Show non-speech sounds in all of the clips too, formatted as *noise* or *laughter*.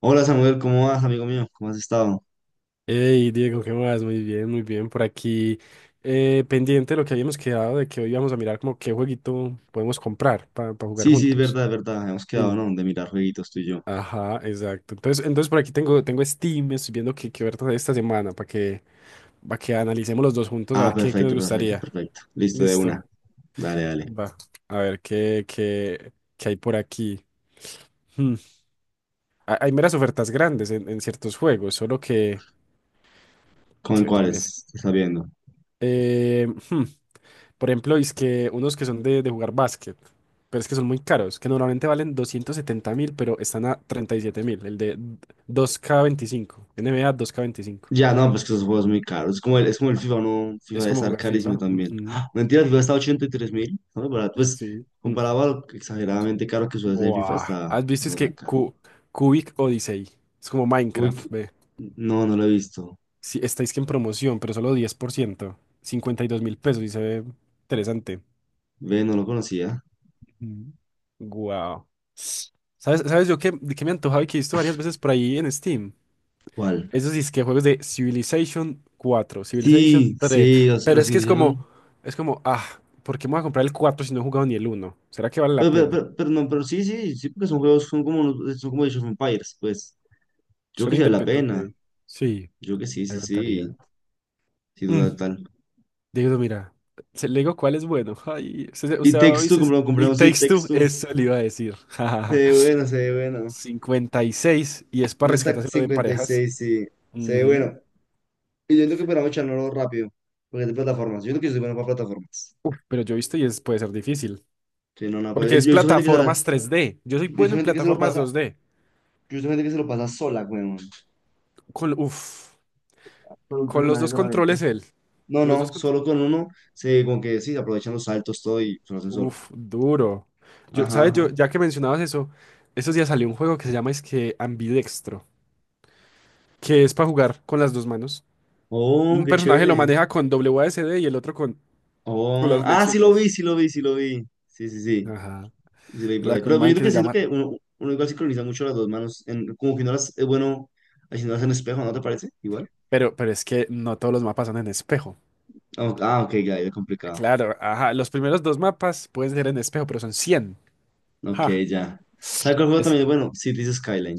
Hola Samuel, ¿cómo vas, amigo mío? ¿Cómo has estado? Hey Diego, ¿qué más? Muy bien, muy bien. Por aquí, pendiente de lo que habíamos quedado, de que hoy íbamos a mirar como qué jueguito podemos comprar para jugar Sí, sí, es juntos. verdad, es verdad. Hemos quedado, Sí. ¿no? De mirar jueguitos tú y yo. Ajá, exacto. Entonces, por aquí tengo Steam, estoy viendo qué ofertas hay esta semana para que analicemos los dos juntos a Ah, ver qué nos perfecto, perfecto, gustaría. perfecto. Listo, de una. Listo. Dale, dale. Va. A ver qué hay por aquí. Hmm. Hay meras ofertas grandes en ciertos juegos, solo que, ¿Con que ya me. cuáles? ¿Te ¿Estás viendo? Eh, hmm. Por ejemplo, es que unos que son de jugar básquet, pero es que son muy caros, que normalmente valen 270 mil, pero están a 37 mil, el de 2K25, NBA 2K25. Ya, no, pues que esos juegos muy caros. Es como el Ah, FIFA, ¿no? FIFA es debe como estar jugar FIFA. carísimo también. Ujú. ¡Ah! Mentira, el FIFA está a 83.000. No, barato. Pues Sí. Mm. comparado a lo exageradamente caro que suele ser FIFA, Buah. está ¿Has visto? Es no tan que caro. Cubic Odyssey. Es como Uy, Minecraft, ve. no, no lo he visto. Sí, estáis que en promoción, pero solo 10%. 52 mil pesos y se ve interesante. Ve, no lo conocía. Ujú. Guau. ¿Sabes yo qué, de qué me antojaba y que he visto varias veces por ahí en Steam? ¿Cuál? Eso sí es que juegos de Civilization cuatro, Civilization Sí, tres. sí, los, Pero los es que es hicieron. como, ah, ¿por qué me voy a comprar el 4 si no he jugado ni el uno? ¿Será que vale la Pero, pero, pena? pero- pero no, pero sí, sí, sí, porque son juegos, son como Age of Empires, pues. Yo que Suena sí vale la independiente. pena. Ok. Sí, Yo que sí, me sí, sí. encantaría. Sí, total, Mm, tal. Diego, mira, le digo cuál es bueno. *laughs* Ay, usted, Y usted ha Takes Two, oído compramos, y compramos, sí, Takes Takes Two, Two. eso le iba a decir. Se *laughs* ve bueno, se ve bueno. 56 y es para No está rescatárselo de cincuenta y parejas. seis sí. Se ve Ujú. bueno. Y yo entiendo que podamos echarlo rápido. Porque es de plataformas. Yo creo que yo soy bueno para plataformas. Uf, pero yo he visto y es, puede ser difícil. Sí, no, no, Porque pues, es yo he visto gente que se la- plataformas 3D. Yo soy yo he bueno visto en gente que se lo plataformas pasa. 2D. Yo he visto gente que se lo pasa sola, weón. Con, uf, Con un con los personaje dos solamente. controles él. No, Con los dos no, controles. solo con uno. Como que sí, aprovechan los saltos, todo y se lo hacen solo. Uf, duro. Yo, Ajá. ¿sabes? Ajá. Yo, ya que mencionabas eso, estos días salió un juego que se llama es que Ambidextro, que es para jugar con las dos manos. Oh, Un qué personaje lo chévere. maneja con WASD y el otro con Oh, las ah, sí lo flechitas. vi, sí lo vi, sí lo vi. Sí, sí, sí. Ajá. Sí lo vi por La ahí. Pero con yo man creo que que se siento llama. que uno igual sincroniza mucho las dos manos. Como que no las es bueno haciéndolas en espejo, ¿no te parece? Igual. Pero es que no todos los mapas son en espejo. Ah, ok, ah, ok, ya, ya complicado. Claro, ajá. Los primeros dos mapas pueden ser en espejo, pero son cien. Ok, Ja. ya. ¿Sabes cuál juego Es también? Bueno, Cities Skyline.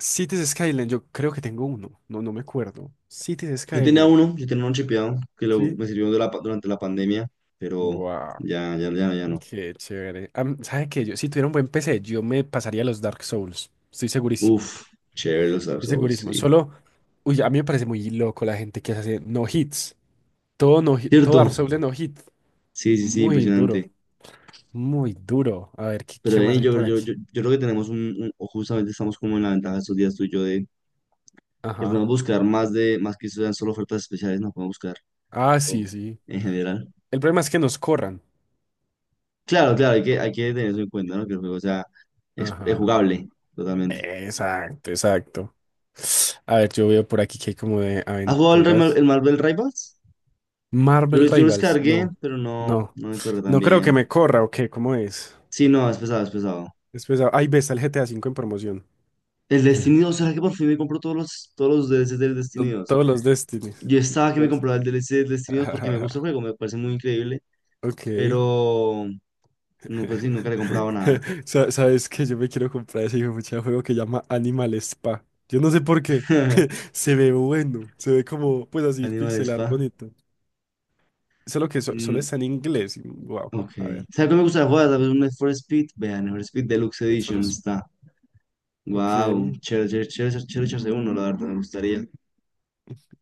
Cities Skyline, yo creo que tengo uno. No, no me acuerdo. Cities Yo tenía Skyline. uno, yo tenía uno chipeado Sí. me sirvió durante la pandemia, pero Wow, ya, ya, ya, ya no. qué chévere. ¿Sabe qué? Yo, si tuviera un buen PC, yo me pasaría los Dark Souls. Estoy segurísimo. Uf, chévere los Dark Estoy Souls, segurísimo. sí. Solo, uy, a mí me parece muy loco la gente que hace no hits. Todo, no, todo Dark ¿Cierto? Souls de no hit. Sí, sí, sí, Muy duro. impresionante. Muy duro. A ver, ¿qué, Pero qué más Denis, hay yo, por yo, aquí. yo, yo creo que tenemos o justamente estamos como en la ventaja estos días tú y yo de que podemos Ajá. buscar más más que sean solo ofertas especiales, no podemos buscar Ah, sí, todo sí. en general. El problema es que nos corran. Claro, claro, hay que tener eso en cuenta, ¿no? Que el juego es Ajá. jugable totalmente. Exacto, exacto. A ver, yo veo por aquí que hay como de ¿Has jugado el, Rema- aventuras. el Marvel Rivals? Yo, lo- Marvel yo lo Rivals, descargué, no, pero no, no, no me corre tan no creo que bien. me corra o qué, ¿cómo es? Sí, no, es pesado, es pesado. Después, ahí ves está el GTA V en promoción. El *laughs* Destiny 2, ¿será que por fin me compro todos los DLCs del Destiny 2? Todos los Destinies, Yo estaba que me pues. compraba el DLC del Destiny 2 porque me gusta el juego, *laughs* me parece muy increíble. Ok. Pero no, pues sí, nunca le he comprado nada. *laughs* Sabes que yo me quiero comprar ese hijo de juego que llama Animal Spa. Yo no sé por qué. *laughs* Se ve bueno. Se ve como, pues así, Animal pixelar Spa. bonito. Solo que solo Mm, está en inglés. Wow. ok. A ver. ¿Sabes qué me gusta jugar? ¿Sabes? Un Need for Speed. Vean, Need for Speed Deluxe Need for Edition Speed. está. Wow. Ok. Chévere, chévere, chévere, chévere echarse uno, la verdad, me gustaría.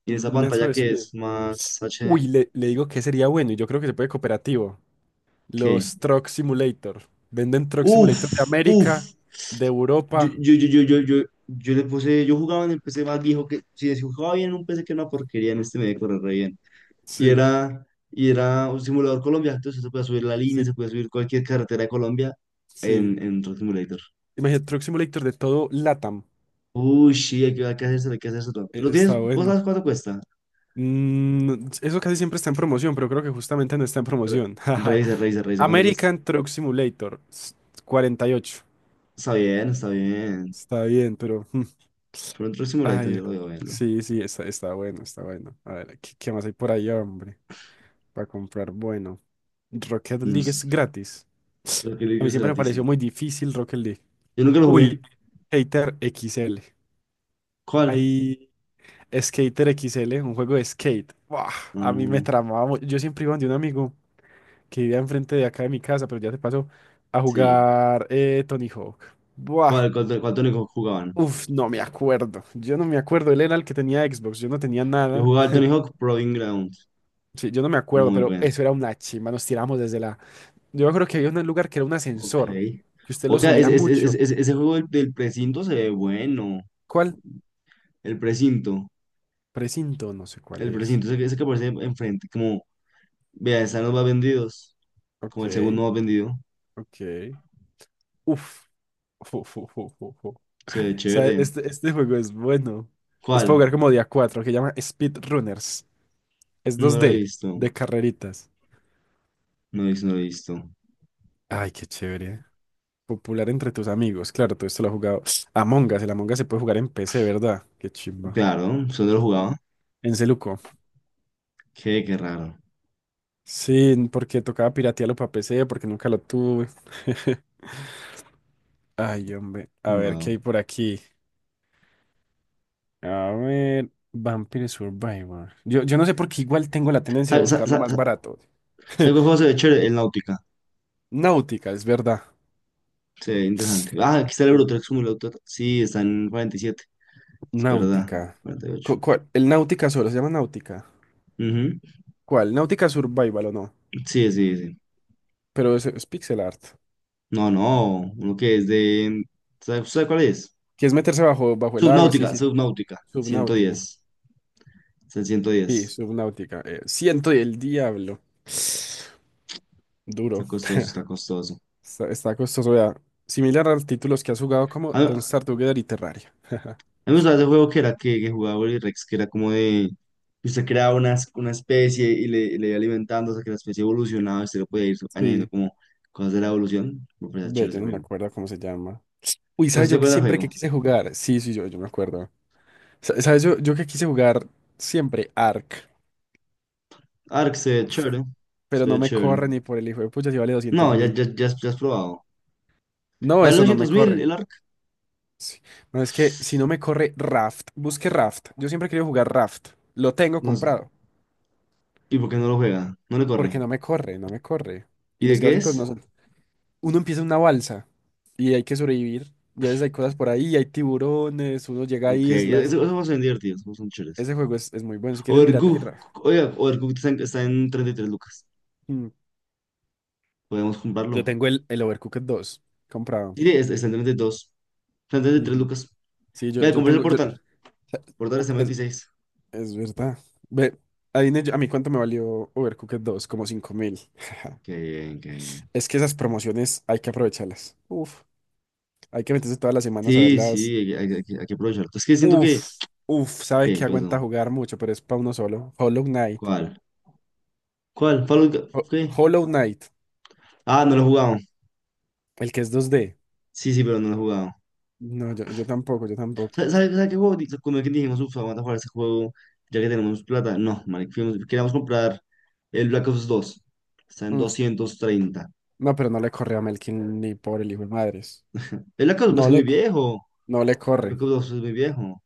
Y esa Need pantalla for que Speed. es más HD, Uy, le digo que sería bueno. Y yo creo que se puede cooperativo. ¿qué? Los Truck Simulator. Venden Truck Simulator Uf, de América, uf. de Yo, Europa. yo, yo, yo, yo, yo, yo le puse, yo jugaba en el PC más viejo que, si jugaba bien en un PC que era una porquería, en este me decoré re bien. y Sí, era, y era un simulador Colombia, entonces se podía subir la línea, sí, se podía subir cualquier carretera de Colombia sí. en Truck Simulator. Imagínate, Truck Simulator de todo LATAM. Uy, sí, hay que hacerse, hay que hacerse todo. ¿Lo tienes? Está ¿Vos bueno. sabes cuánto cuesta? Eso casi siempre está en promoción, pero creo que justamente no está en Re, promoción. *laughs* Jaja. Revisa, revisa, revisa cuánto cuesta. American Truck Simulator 48. Está bien, está bien. Está bien, pero. Pero un Truck Simulator Ay, yo lo veo a verlo. sí, sí, está bueno, está bueno. A ver, ¿qué más hay por ahí, hombre. Para comprar, bueno. Rocket No League es sé, gratis. lo que A mí le será siempre a me ti, pareció sí. muy difícil Rocket League. Yo nunca lo jugué. Uy, Skater X L. ¿Cuál? Hay Skater X L, un juego de skate. Buah, a mí me No, tramaba mucho. Yo siempre iba donde un amigo que vivía enfrente de acá de mi casa, pero ya se pasó a sí. jugar Tony Hawk. Buah, ¿Cuál Tony Hawk jugaban? uf, no me acuerdo. Yo no me acuerdo. Él era el que tenía Xbox. Yo no tenía Yo nada. jugaba el Tony Hawk Proving Ground. Sí, yo no me acuerdo, Muy pero bueno. eso era una chimba. Nos tiramos desde la. Yo me acuerdo que había un lugar que era un Ok. ascensor, que usted lo Oiga, subía ese, ese, mucho. ese, ese, ese juego del precinto se ve bueno. ¿Cuál? El precinto. Precinto, no sé cuál El es. precinto, ese que aparece enfrente. Vea, están los más vendidos. Ok, Como el segundo más vendido. ok. Uf. Fu, fu, fu, fu, fu. Se O ve sea, chévere. este juego es bueno. Es para ¿Cuál? jugar como día 4, que llama Speedrunners. Es No dos lo he d visto. de carreritas. No lo he visto, no lo he visto. Ay, qué chévere. Popular entre tus amigos. Claro, todo esto lo he jugado. Among Us, el Among Us se puede jugar en PC, ¿verdad? Qué chimba. Claro, eso no lo jugaba. En Celuco. Qué raro. Sí, porque tocaba piratearlo para PC, porque nunca lo tuve. *laughs* Ay, hombre. A ver, ¿qué Wow. hay por aquí? A ver. Vampire Survivor. Yo no sé por qué igual tengo la tendencia de ¿Sabes buscar lo más barato. cuál *laughs* juego se ve chévere? El Náutica. Náutica, es verdad. Se ve interesante. Ah, aquí está el El Eurotrack Simulator. Sí, está en 47. Es verdad. Náutica. 48. El Náutica solo se llama Náutica. Ujú. ¿Cuál? Náutica Survival o no. Sí, sí, sí. Pero es pixel art. No, no, uno que es de... ¿Sabe cuál es? Que es meterse bajo, bajo el agua, sí, Subnáutica, sí. Subnáutica, ciento Subnáutica. diez Es el ciento Sí, diez subnáutica. Ciento y el diablo. Está Duro. costoso, está costoso. Está costoso, vea. Similar a los títulos que has jugado como A Don't mí Starve Together y Terraria. *laughs* me gustaba ese juego que era que jugaba Willy Rex, que era como de... Que usted creaba una especie y y le iba alimentando hasta que la especie evolucionaba y usted lo podía ir añadiendo Sí. como cosas de la evolución. Me parece Ve, chévere yo ese no me juego. acuerdo cómo se llama. Uy, Pues si ¿sabes te yo que acuerdas del siempre que juego. quise jugar? Sí, sí, yo me acuerdo. ¿Sabes? Yo, que quise jugar siempre Ark. Ark se ve Uf, chévere, pero se no ve me chévere. corre ni por el hijo de pucha si vale No, doscientos ya, mil. ya, ya, has, ya has probado. No, Vale eso no me 200.000 corre. el Ark. Sí. No, es que si no me corre Raft, busque Raft. Yo siempre he querido jugar Raft. Lo tengo No, comprado. ¿y por qué no lo juega? No le Porque corre. no me corre, no me corre. ¿Y Y de los qué gráficos no es? son. Uno empieza en una balsa y hay que sobrevivir. Ya veces hay cosas por ahí, hay tiburones, uno llega a Ok, islas. esos juegos son divertidos, esos son chéveres. Ese juego es muy bueno. Si quieres, mírate. Overcook, Raft. oiga, Overcook está en 33 lucas. Mm. Podemos Yo comprarlo. tengo el Overcooked 2 comprado. Sí, está en 32. Está en 33 Ujú. lucas. Sí, yo, Vea, yo compré el tengo. Yo, portal. sea, Portal está en Es, 26. es verdad. Ve, adivine yo, a mí cuánto me valió Overcooked 2 como 5,000. *laughs* Qué bien, qué bien. Es que esas promociones hay que aprovecharlas. Uf, hay que meterse todas las semanas a Sí, verlas. sí, hay que aprovecharlo. Es que siento que. Uf, uf, sabe ¿Qué? que ¿Qué aguanta pasó? jugar mucho, pero es para uno solo. Hollow Knight. ¿Cuál? ¿Cuál? ¿Qué? Hollow Knight, Ah, no lo he jugado. el que es 2D. Sí, sí, pero no lo he jugado. No, yo tampoco, yo tampoco. ¿Sabes sabe, sabe- sabe qué juego? Como que dijimos, uff, vamos a jugar ese juego ya que tenemos plata. No, marica, queríamos comprar el Black Ops dos. Está en Mm, 230. No pero no le corre a Melkin ni por el hijo de madres. El Black Ops pues, No es muy le, co- viejo. no le El Black corre, Ops 2 es muy viejo.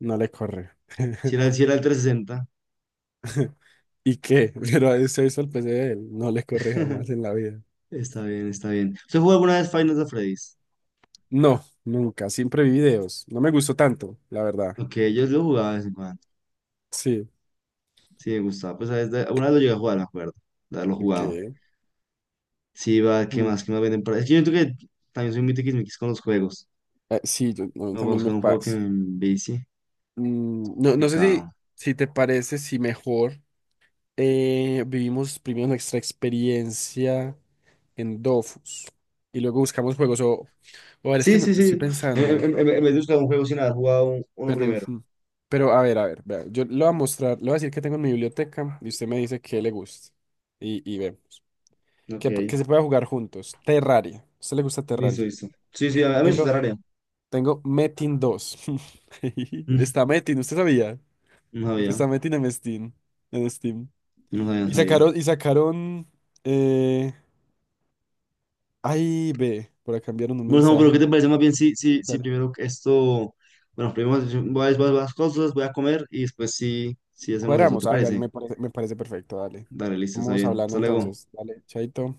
no le corre. Si era, el- *laughs* si era el trescientos ¿Y qué? *laughs* Pero a ese hizo el PC de él. No le corre sesenta jamás en *laughs* la vida. Está bien, está bien. ¿Usted jugó alguna vez Final Fantasy Freddy's? No, nunca. Siempre vi videos. No me gustó tanto, la verdad. Ok, yo lo jugaba de vez en cuando. Sí, Sí, me gustaba. Pues a veces, alguna vez lo llegué a jugar, me acuerdo de haberlo de jugado. qué. Sí, va, ¿qué mm, más? ¿Qué más venden para...? Es que yo siento que también soy muy tiquismiquis con los juegos. eh, sí, yo, a mí Me voy a también me buscar un juego que me pasa. envicie. No, no sé si, Complicado. si te parece, si mejor vivimos primero nuestra experiencia en Dofus y luego buscamos juegos. O, a ver, es que Sí, sí, estoy sí. En, pensando. en- en- en vez de buscar un juego sin haber jugado uno Pero, primero. ujú. Pero a ver, vea, yo le voy a mostrar, le voy a decir que tengo en mi biblioteca y usted me dice que le gusta. Y ve, Ok, que, que se pueda jugar juntos. Terraria. ¿A usted le gusta listo, Terraria? listo. Sí, sí, a mí es Tengo, área. tengo Metin dos. *laughs* Está Metin, ¿usted sabía? No Y que sabía, está Metin en Steam. En Steam. no sabía, no Y sabía. sacaron, y sacaron, eh, ay, ve, por acá enviaron un Bueno, Samu, pero ¿qué mensaje. te parece más bien si Dale. primero que esto... Bueno, primero Sí. voy a las cosas, voy a comer y después sí hacemos eso, ¿te Cuadramos, hágale, parece? Me parece perfecto, dale. Dale, listo, está Vamos bien. hablando Hasta luego. entonces. Dale, chaito.